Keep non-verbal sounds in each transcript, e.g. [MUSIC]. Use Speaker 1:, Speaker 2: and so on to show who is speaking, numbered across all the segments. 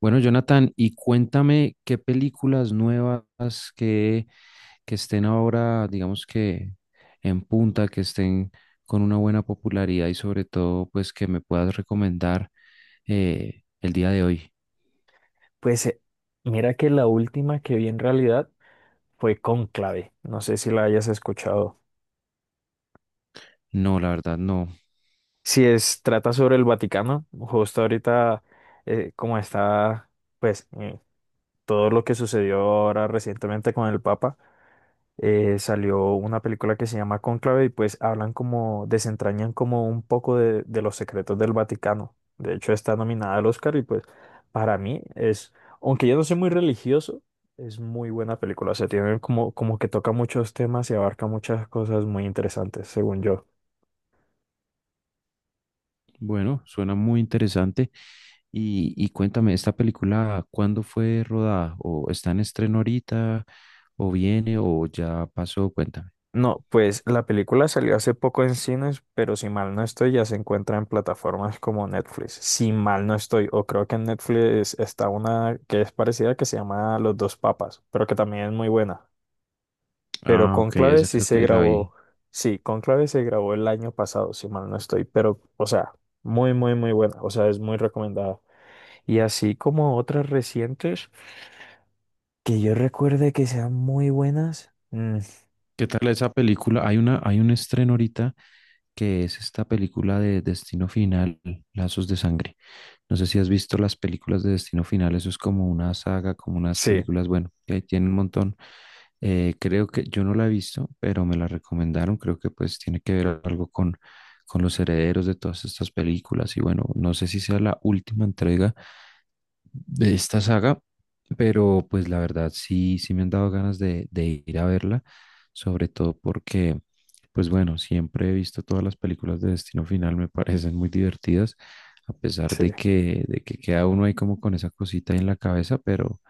Speaker 1: Bueno, Jonathan, y cuéntame qué películas nuevas que estén ahora, digamos que en punta, que estén con una buena popularidad y sobre todo, pues que me puedas recomendar el día de hoy.
Speaker 2: Pues mira que la última que vi en realidad fue Cónclave. No sé si la hayas escuchado.
Speaker 1: No, la verdad, no.
Speaker 2: Si es, trata sobre el Vaticano, justo ahorita como está, pues, eh, todo lo que sucedió ahora recientemente con el Papa. Salió una película que se llama Cónclave y pues hablan como, desentrañan como un poco de los secretos del Vaticano. De hecho, está nominada al Oscar y pues para mí es, aunque yo no soy muy religioso, es muy buena película. O sea, tiene como, como que toca muchos temas y abarca muchas cosas muy interesantes, según yo.
Speaker 1: Bueno, suena muy interesante. Y cuéntame, ¿esta película cuándo fue rodada? ¿O está en estreno ahorita? ¿O viene? ¿O ya pasó? Cuéntame.
Speaker 2: No, pues la película salió hace poco en cines, pero si mal no estoy, ya se encuentra en plataformas como Netflix. Si mal no estoy, o creo que en Netflix está una que es parecida que se llama Los dos Papas, pero que también es muy buena. Pero
Speaker 1: Ah, ok,
Speaker 2: Conclave
Speaker 1: esa
Speaker 2: sí
Speaker 1: creo
Speaker 2: se
Speaker 1: que la
Speaker 2: grabó,
Speaker 1: vi.
Speaker 2: sí, Conclave se grabó el año pasado, si mal no estoy, pero, o sea, muy, muy, muy buena, o sea, es muy recomendada. Y así como otras recientes que yo recuerde que sean muy buenas.
Speaker 1: ¿Qué tal esa película? Hay un estreno ahorita que es esta película de Destino Final, Lazos de Sangre. No sé si has visto las películas de Destino Final, eso es como una saga, como unas
Speaker 2: Sí,
Speaker 1: películas, bueno, que ahí tiene un montón. Creo que yo no la he visto, pero me la recomendaron. Creo que pues tiene que ver algo con los herederos de todas estas películas. Y bueno, no sé si sea la última entrega de esta saga, pero pues la verdad sí, sí me han dado ganas de ir a verla, sobre todo porque, pues bueno, siempre he visto todas las películas de Destino Final, me [LAUGHS] parecen muy divertidas, a pesar
Speaker 2: sí.
Speaker 1: de que queda uno ahí como con esa cosita en la cabeza, pero,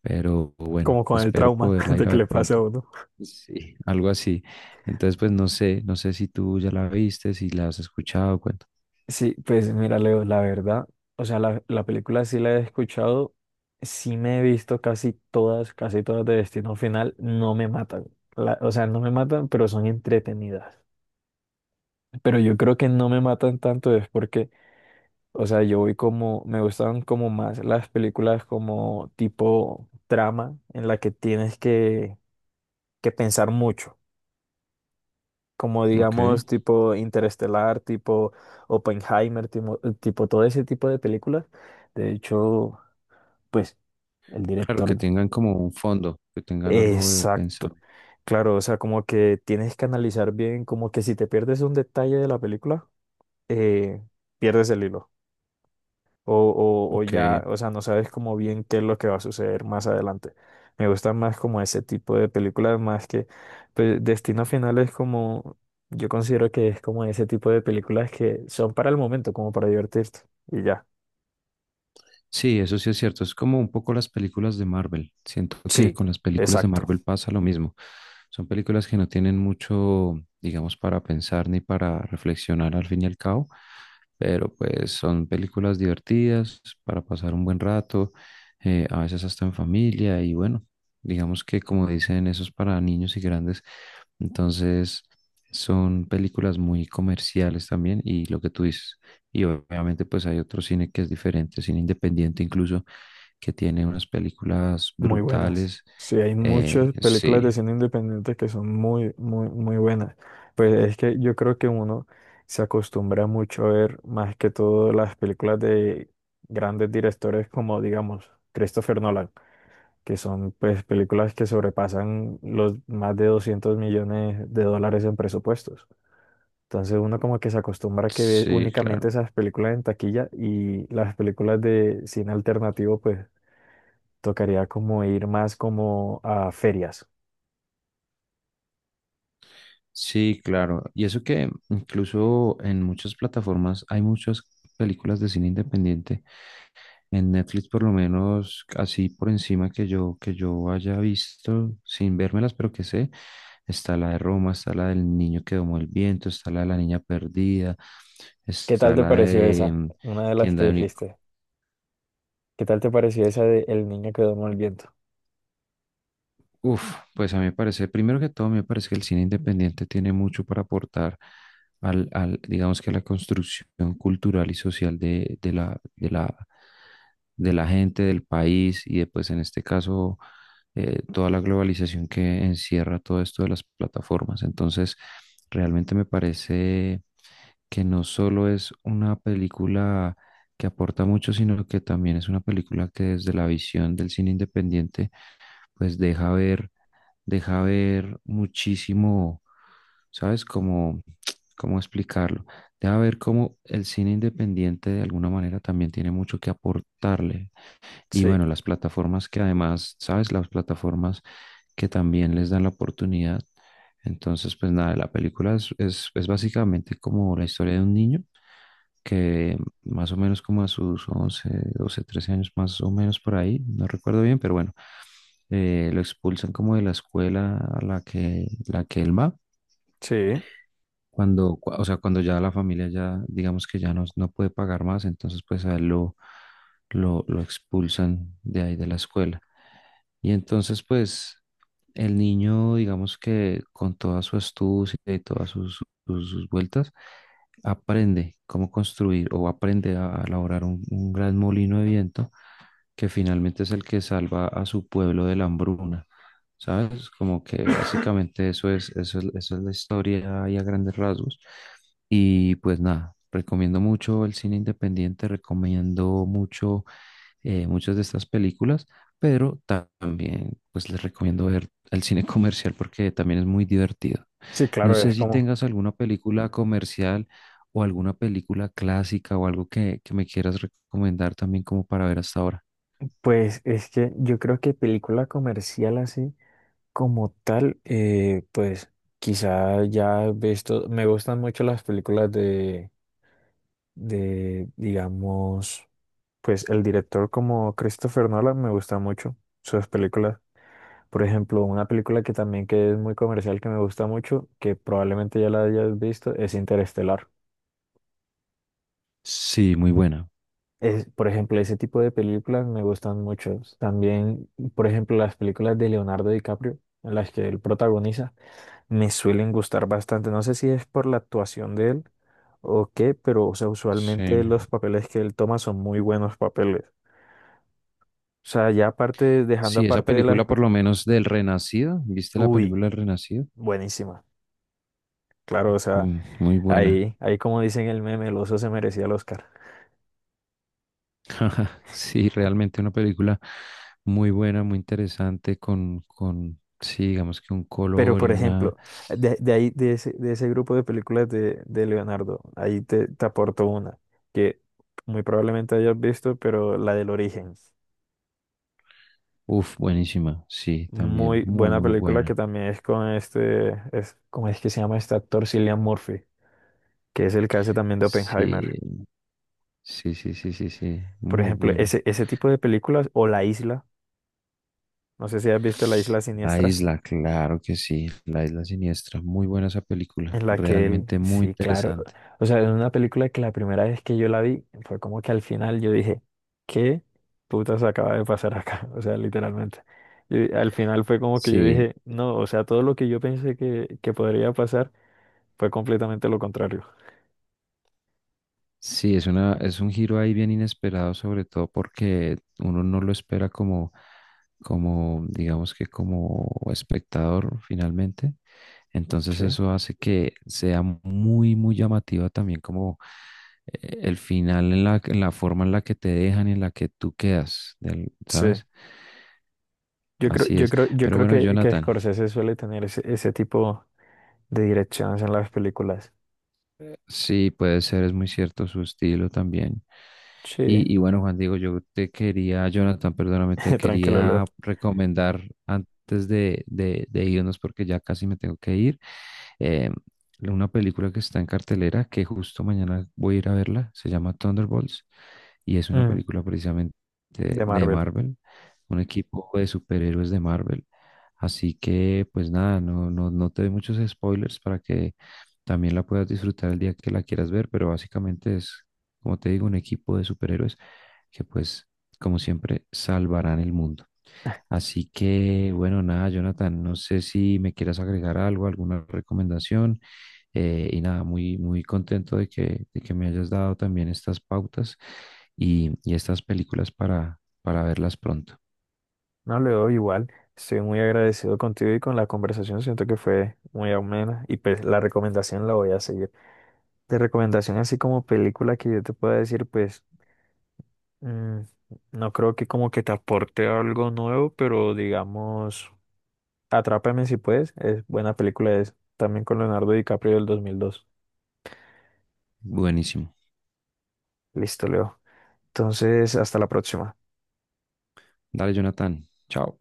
Speaker 1: pero bueno,
Speaker 2: Como con el
Speaker 1: espero
Speaker 2: trauma [LAUGHS]
Speaker 1: poderla ir
Speaker 2: de
Speaker 1: a
Speaker 2: que
Speaker 1: ver
Speaker 2: le pase
Speaker 1: pronto.
Speaker 2: a uno.
Speaker 1: Sí, algo así. Entonces, pues no sé si tú ya la viste, si la has escuchado, cuento.
Speaker 2: Sí, pues mira, Leo, la verdad, o sea, la película sí la he escuchado, sí me he visto casi todas de Destino Final, no me matan. O sea, no me matan, pero son entretenidas. Pero yo creo que no me matan tanto es porque, o sea, yo voy como, me gustan como más las películas como tipo trama en la que tienes que pensar mucho. Como
Speaker 1: Ok,
Speaker 2: digamos tipo Interestelar, tipo Oppenheimer, tipo, tipo todo ese tipo de películas. De hecho, pues el
Speaker 1: claro,
Speaker 2: director...
Speaker 1: que tengan como un fondo, que tengan algo de
Speaker 2: Exacto.
Speaker 1: pensamiento.
Speaker 2: Claro, o sea, como que tienes que analizar bien, como que si te pierdes un detalle de la película, eh, pierdes el hilo. o, o
Speaker 1: Ok,
Speaker 2: ya, o sea, no sabes como bien qué es lo que va a suceder más adelante. Me gustan más como ese tipo de películas, más que pues, Destino Final es como, yo considero que es como ese tipo de películas que son para el momento, como para divertirte. Y ya.
Speaker 1: sí, eso sí es cierto. Es como un poco las películas de Marvel. Siento que
Speaker 2: Sí,
Speaker 1: con las películas de
Speaker 2: exacto.
Speaker 1: Marvel pasa lo mismo. Son películas que no tienen mucho, digamos, para pensar ni para reflexionar al fin y al cabo, pero pues son películas divertidas para pasar un buen rato, a veces hasta en familia y bueno, digamos que como dicen, eso es para niños y grandes. Entonces son películas muy comerciales también y lo que tú dices. Y obviamente pues hay otro cine que es diferente, cine independiente incluso, que tiene unas películas
Speaker 2: Muy buenas.
Speaker 1: brutales.
Speaker 2: Sí, hay
Speaker 1: Eh,
Speaker 2: muchas películas de
Speaker 1: sí,
Speaker 2: cine independiente que son muy, muy, muy buenas. Pues es que yo creo que uno se acostumbra mucho a ver más que todo las películas de grandes directores como, digamos, Christopher Nolan, que son pues películas que sobrepasan los más de $200 millones en presupuestos. Entonces uno como que se acostumbra a que ve
Speaker 1: sí, claro.
Speaker 2: únicamente esas películas en taquilla y las películas de cine alternativo pues tocaría como ir más como a ferias.
Speaker 1: Sí, claro. Y eso que incluso en muchas plataformas hay muchas películas de cine independiente. En Netflix, por lo menos, así por encima que yo, haya visto, sin vérmelas, pero que sé, está la de Roma, está la del niño que domó el viento, está la de la niña perdida,
Speaker 2: ¿Qué tal
Speaker 1: está
Speaker 2: te
Speaker 1: la
Speaker 2: pareció
Speaker 1: de
Speaker 2: esa? Una de las que
Speaker 1: Tienda de
Speaker 2: dijiste. ¿Qué tal te pareció esa de El niño que duerme al viento?
Speaker 1: Uf, pues a mí me parece, primero que todo, me parece que el cine independiente tiene mucho para aportar al, digamos que a la construcción cultural y social de la gente, del país y después en este caso toda la globalización que encierra todo esto de las plataformas. Entonces, realmente me parece que no solo es una película que aporta mucho, sino que también es una película que desde la visión del cine independiente, pues deja ver muchísimo, ¿sabes? Como, ¿cómo explicarlo? Deja ver cómo el cine independiente de alguna manera también tiene mucho que aportarle. Y
Speaker 2: Sí,
Speaker 1: bueno, las plataformas que además, ¿sabes? Las plataformas que también les dan la oportunidad. Entonces, pues nada, la película es básicamente como la historia de un niño que más o menos como a sus 11, 12, 13 años, más o menos por ahí, no recuerdo bien, pero bueno lo expulsan como de la escuela a la que él va,
Speaker 2: sí.
Speaker 1: o sea, cuando ya la familia ya, digamos que ya no puede pagar más, entonces pues a él lo expulsan de ahí de la escuela. Y entonces pues el niño, digamos que con toda su astucia y todas sus vueltas, aprende cómo construir o aprende a elaborar un gran molino de viento que finalmente es el que salva a su pueblo de la hambruna. ¿Sabes? Como que básicamente eso es la historia y a grandes rasgos. Y pues nada, recomiendo mucho el cine independiente, recomiendo mucho muchas de estas películas, pero también pues les recomiendo ver el cine comercial porque también es muy divertido.
Speaker 2: Sí,
Speaker 1: No
Speaker 2: claro,
Speaker 1: sé
Speaker 2: es
Speaker 1: si
Speaker 2: como,
Speaker 1: tengas alguna película comercial o alguna película clásica o algo que me quieras recomendar también como para ver hasta ahora.
Speaker 2: pues es que yo creo que película comercial así como tal, pues quizá ya he visto, me gustan mucho las películas digamos, pues el director como Christopher Nolan me gusta mucho sus películas. Por ejemplo, una película que también que es muy comercial, que me gusta mucho, que probablemente ya la hayas visto, es Interestelar.
Speaker 1: Sí, muy buena.
Speaker 2: Es, por ejemplo, ese tipo de películas me gustan mucho. También, por ejemplo, las películas de Leonardo DiCaprio, en las que él protagoniza, me suelen gustar bastante. No sé si es por la actuación de él o qué, pero o sea, usualmente los
Speaker 1: Sí.
Speaker 2: papeles que él toma son muy buenos papeles. O sea, ya aparte, dejando
Speaker 1: Sí, esa
Speaker 2: aparte de las...
Speaker 1: película
Speaker 2: pe-
Speaker 1: por lo menos del Renacido. ¿Viste la
Speaker 2: Uy,
Speaker 1: película del Renacido?
Speaker 2: buenísima. Claro, o sea...
Speaker 1: Mm, muy buena.
Speaker 2: Ahí, ahí como dicen el meme, el oso se merecía el Oscar.
Speaker 1: [LAUGHS] Sí, realmente una película muy buena, muy interesante, sí, digamos que un
Speaker 2: Pero,
Speaker 1: color y
Speaker 2: por
Speaker 1: una...
Speaker 2: ejemplo, de ese grupo de películas de Leonardo, ahí te aporto una que muy probablemente hayas visto, pero la del origen.
Speaker 1: Uf, buenísima. Sí, también
Speaker 2: Muy
Speaker 1: muy,
Speaker 2: buena
Speaker 1: muy
Speaker 2: película que
Speaker 1: buena.
Speaker 2: también es con este, es, ¿cómo es que se llama este actor? Cillian Murphy, que es el que hace también de Oppenheimer.
Speaker 1: Sí, sí, sí, sí, sí, sí,
Speaker 2: Por
Speaker 1: muy
Speaker 2: ejemplo,
Speaker 1: buena.
Speaker 2: ese tipo de películas, o La Isla, no sé si has visto La Isla
Speaker 1: La
Speaker 2: Siniestra.
Speaker 1: isla, claro que sí, La isla siniestra. Muy buena esa película,
Speaker 2: En la que él,
Speaker 1: realmente muy
Speaker 2: sí, claro.
Speaker 1: interesante.
Speaker 2: O sea, es una película que la primera vez que yo la vi fue como que al final yo dije, ¿qué putas acaba de pasar acá? [LAUGHS] O sea, literalmente. Y al final fue como que yo
Speaker 1: Sí,
Speaker 2: dije, no, o sea, todo lo que yo pensé que podría pasar fue completamente lo contrario.
Speaker 1: Sí, es un giro ahí bien inesperado, sobre todo porque uno no lo espera como, digamos que como espectador finalmente. Entonces
Speaker 2: Sí,
Speaker 1: eso hace que sea muy, muy llamativa también como el final en la, forma en la que te dejan y en la que tú quedas,
Speaker 2: sí.
Speaker 1: ¿sabes? Así es.
Speaker 2: Yo
Speaker 1: Pero
Speaker 2: creo
Speaker 1: bueno,
Speaker 2: que
Speaker 1: Jonathan.
Speaker 2: Scorsese suele tener ese tipo de direcciones en las películas.
Speaker 1: Sí, puede ser, es muy cierto su estilo también.
Speaker 2: Sí,
Speaker 1: Y bueno, Juan Diego, yo te quería, Jonathan, perdóname, te
Speaker 2: [LAUGHS] tranquilo, Leo.
Speaker 1: quería recomendar antes de irnos porque ya casi me tengo que ir, eh, una película que está en cartelera, que justo mañana voy a ir a verla, se llama Thunderbolts y es una
Speaker 2: Mm,
Speaker 1: película precisamente de
Speaker 2: de
Speaker 1: de
Speaker 2: Marvel.
Speaker 1: Marvel, un equipo de superhéroes de Marvel. Así que, pues nada, no, no, no te doy muchos spoilers para que también la puedas disfrutar el día que la quieras ver, pero básicamente es, como te digo, un equipo de superhéroes que pues, como siempre, salvarán el mundo. Así que, bueno, nada, Jonathan, no sé si me quieras agregar algo, alguna recomendación. Y nada, muy, muy contento de que me hayas dado también estas pautas y estas películas para verlas pronto.
Speaker 2: No le doy igual. Estoy muy agradecido contigo y con la conversación. Siento que fue muy amena y pues la recomendación la voy a seguir. De recomendación así como película que yo te pueda decir, pues mm, no creo que como que te aporte algo nuevo, pero digamos, Atrápame si puedes. Es buena película, es también con Leonardo DiCaprio del 2002.
Speaker 1: Buenísimo.
Speaker 2: Listo, Leo. Entonces, hasta la próxima.
Speaker 1: Dale, Jonathan. Chao.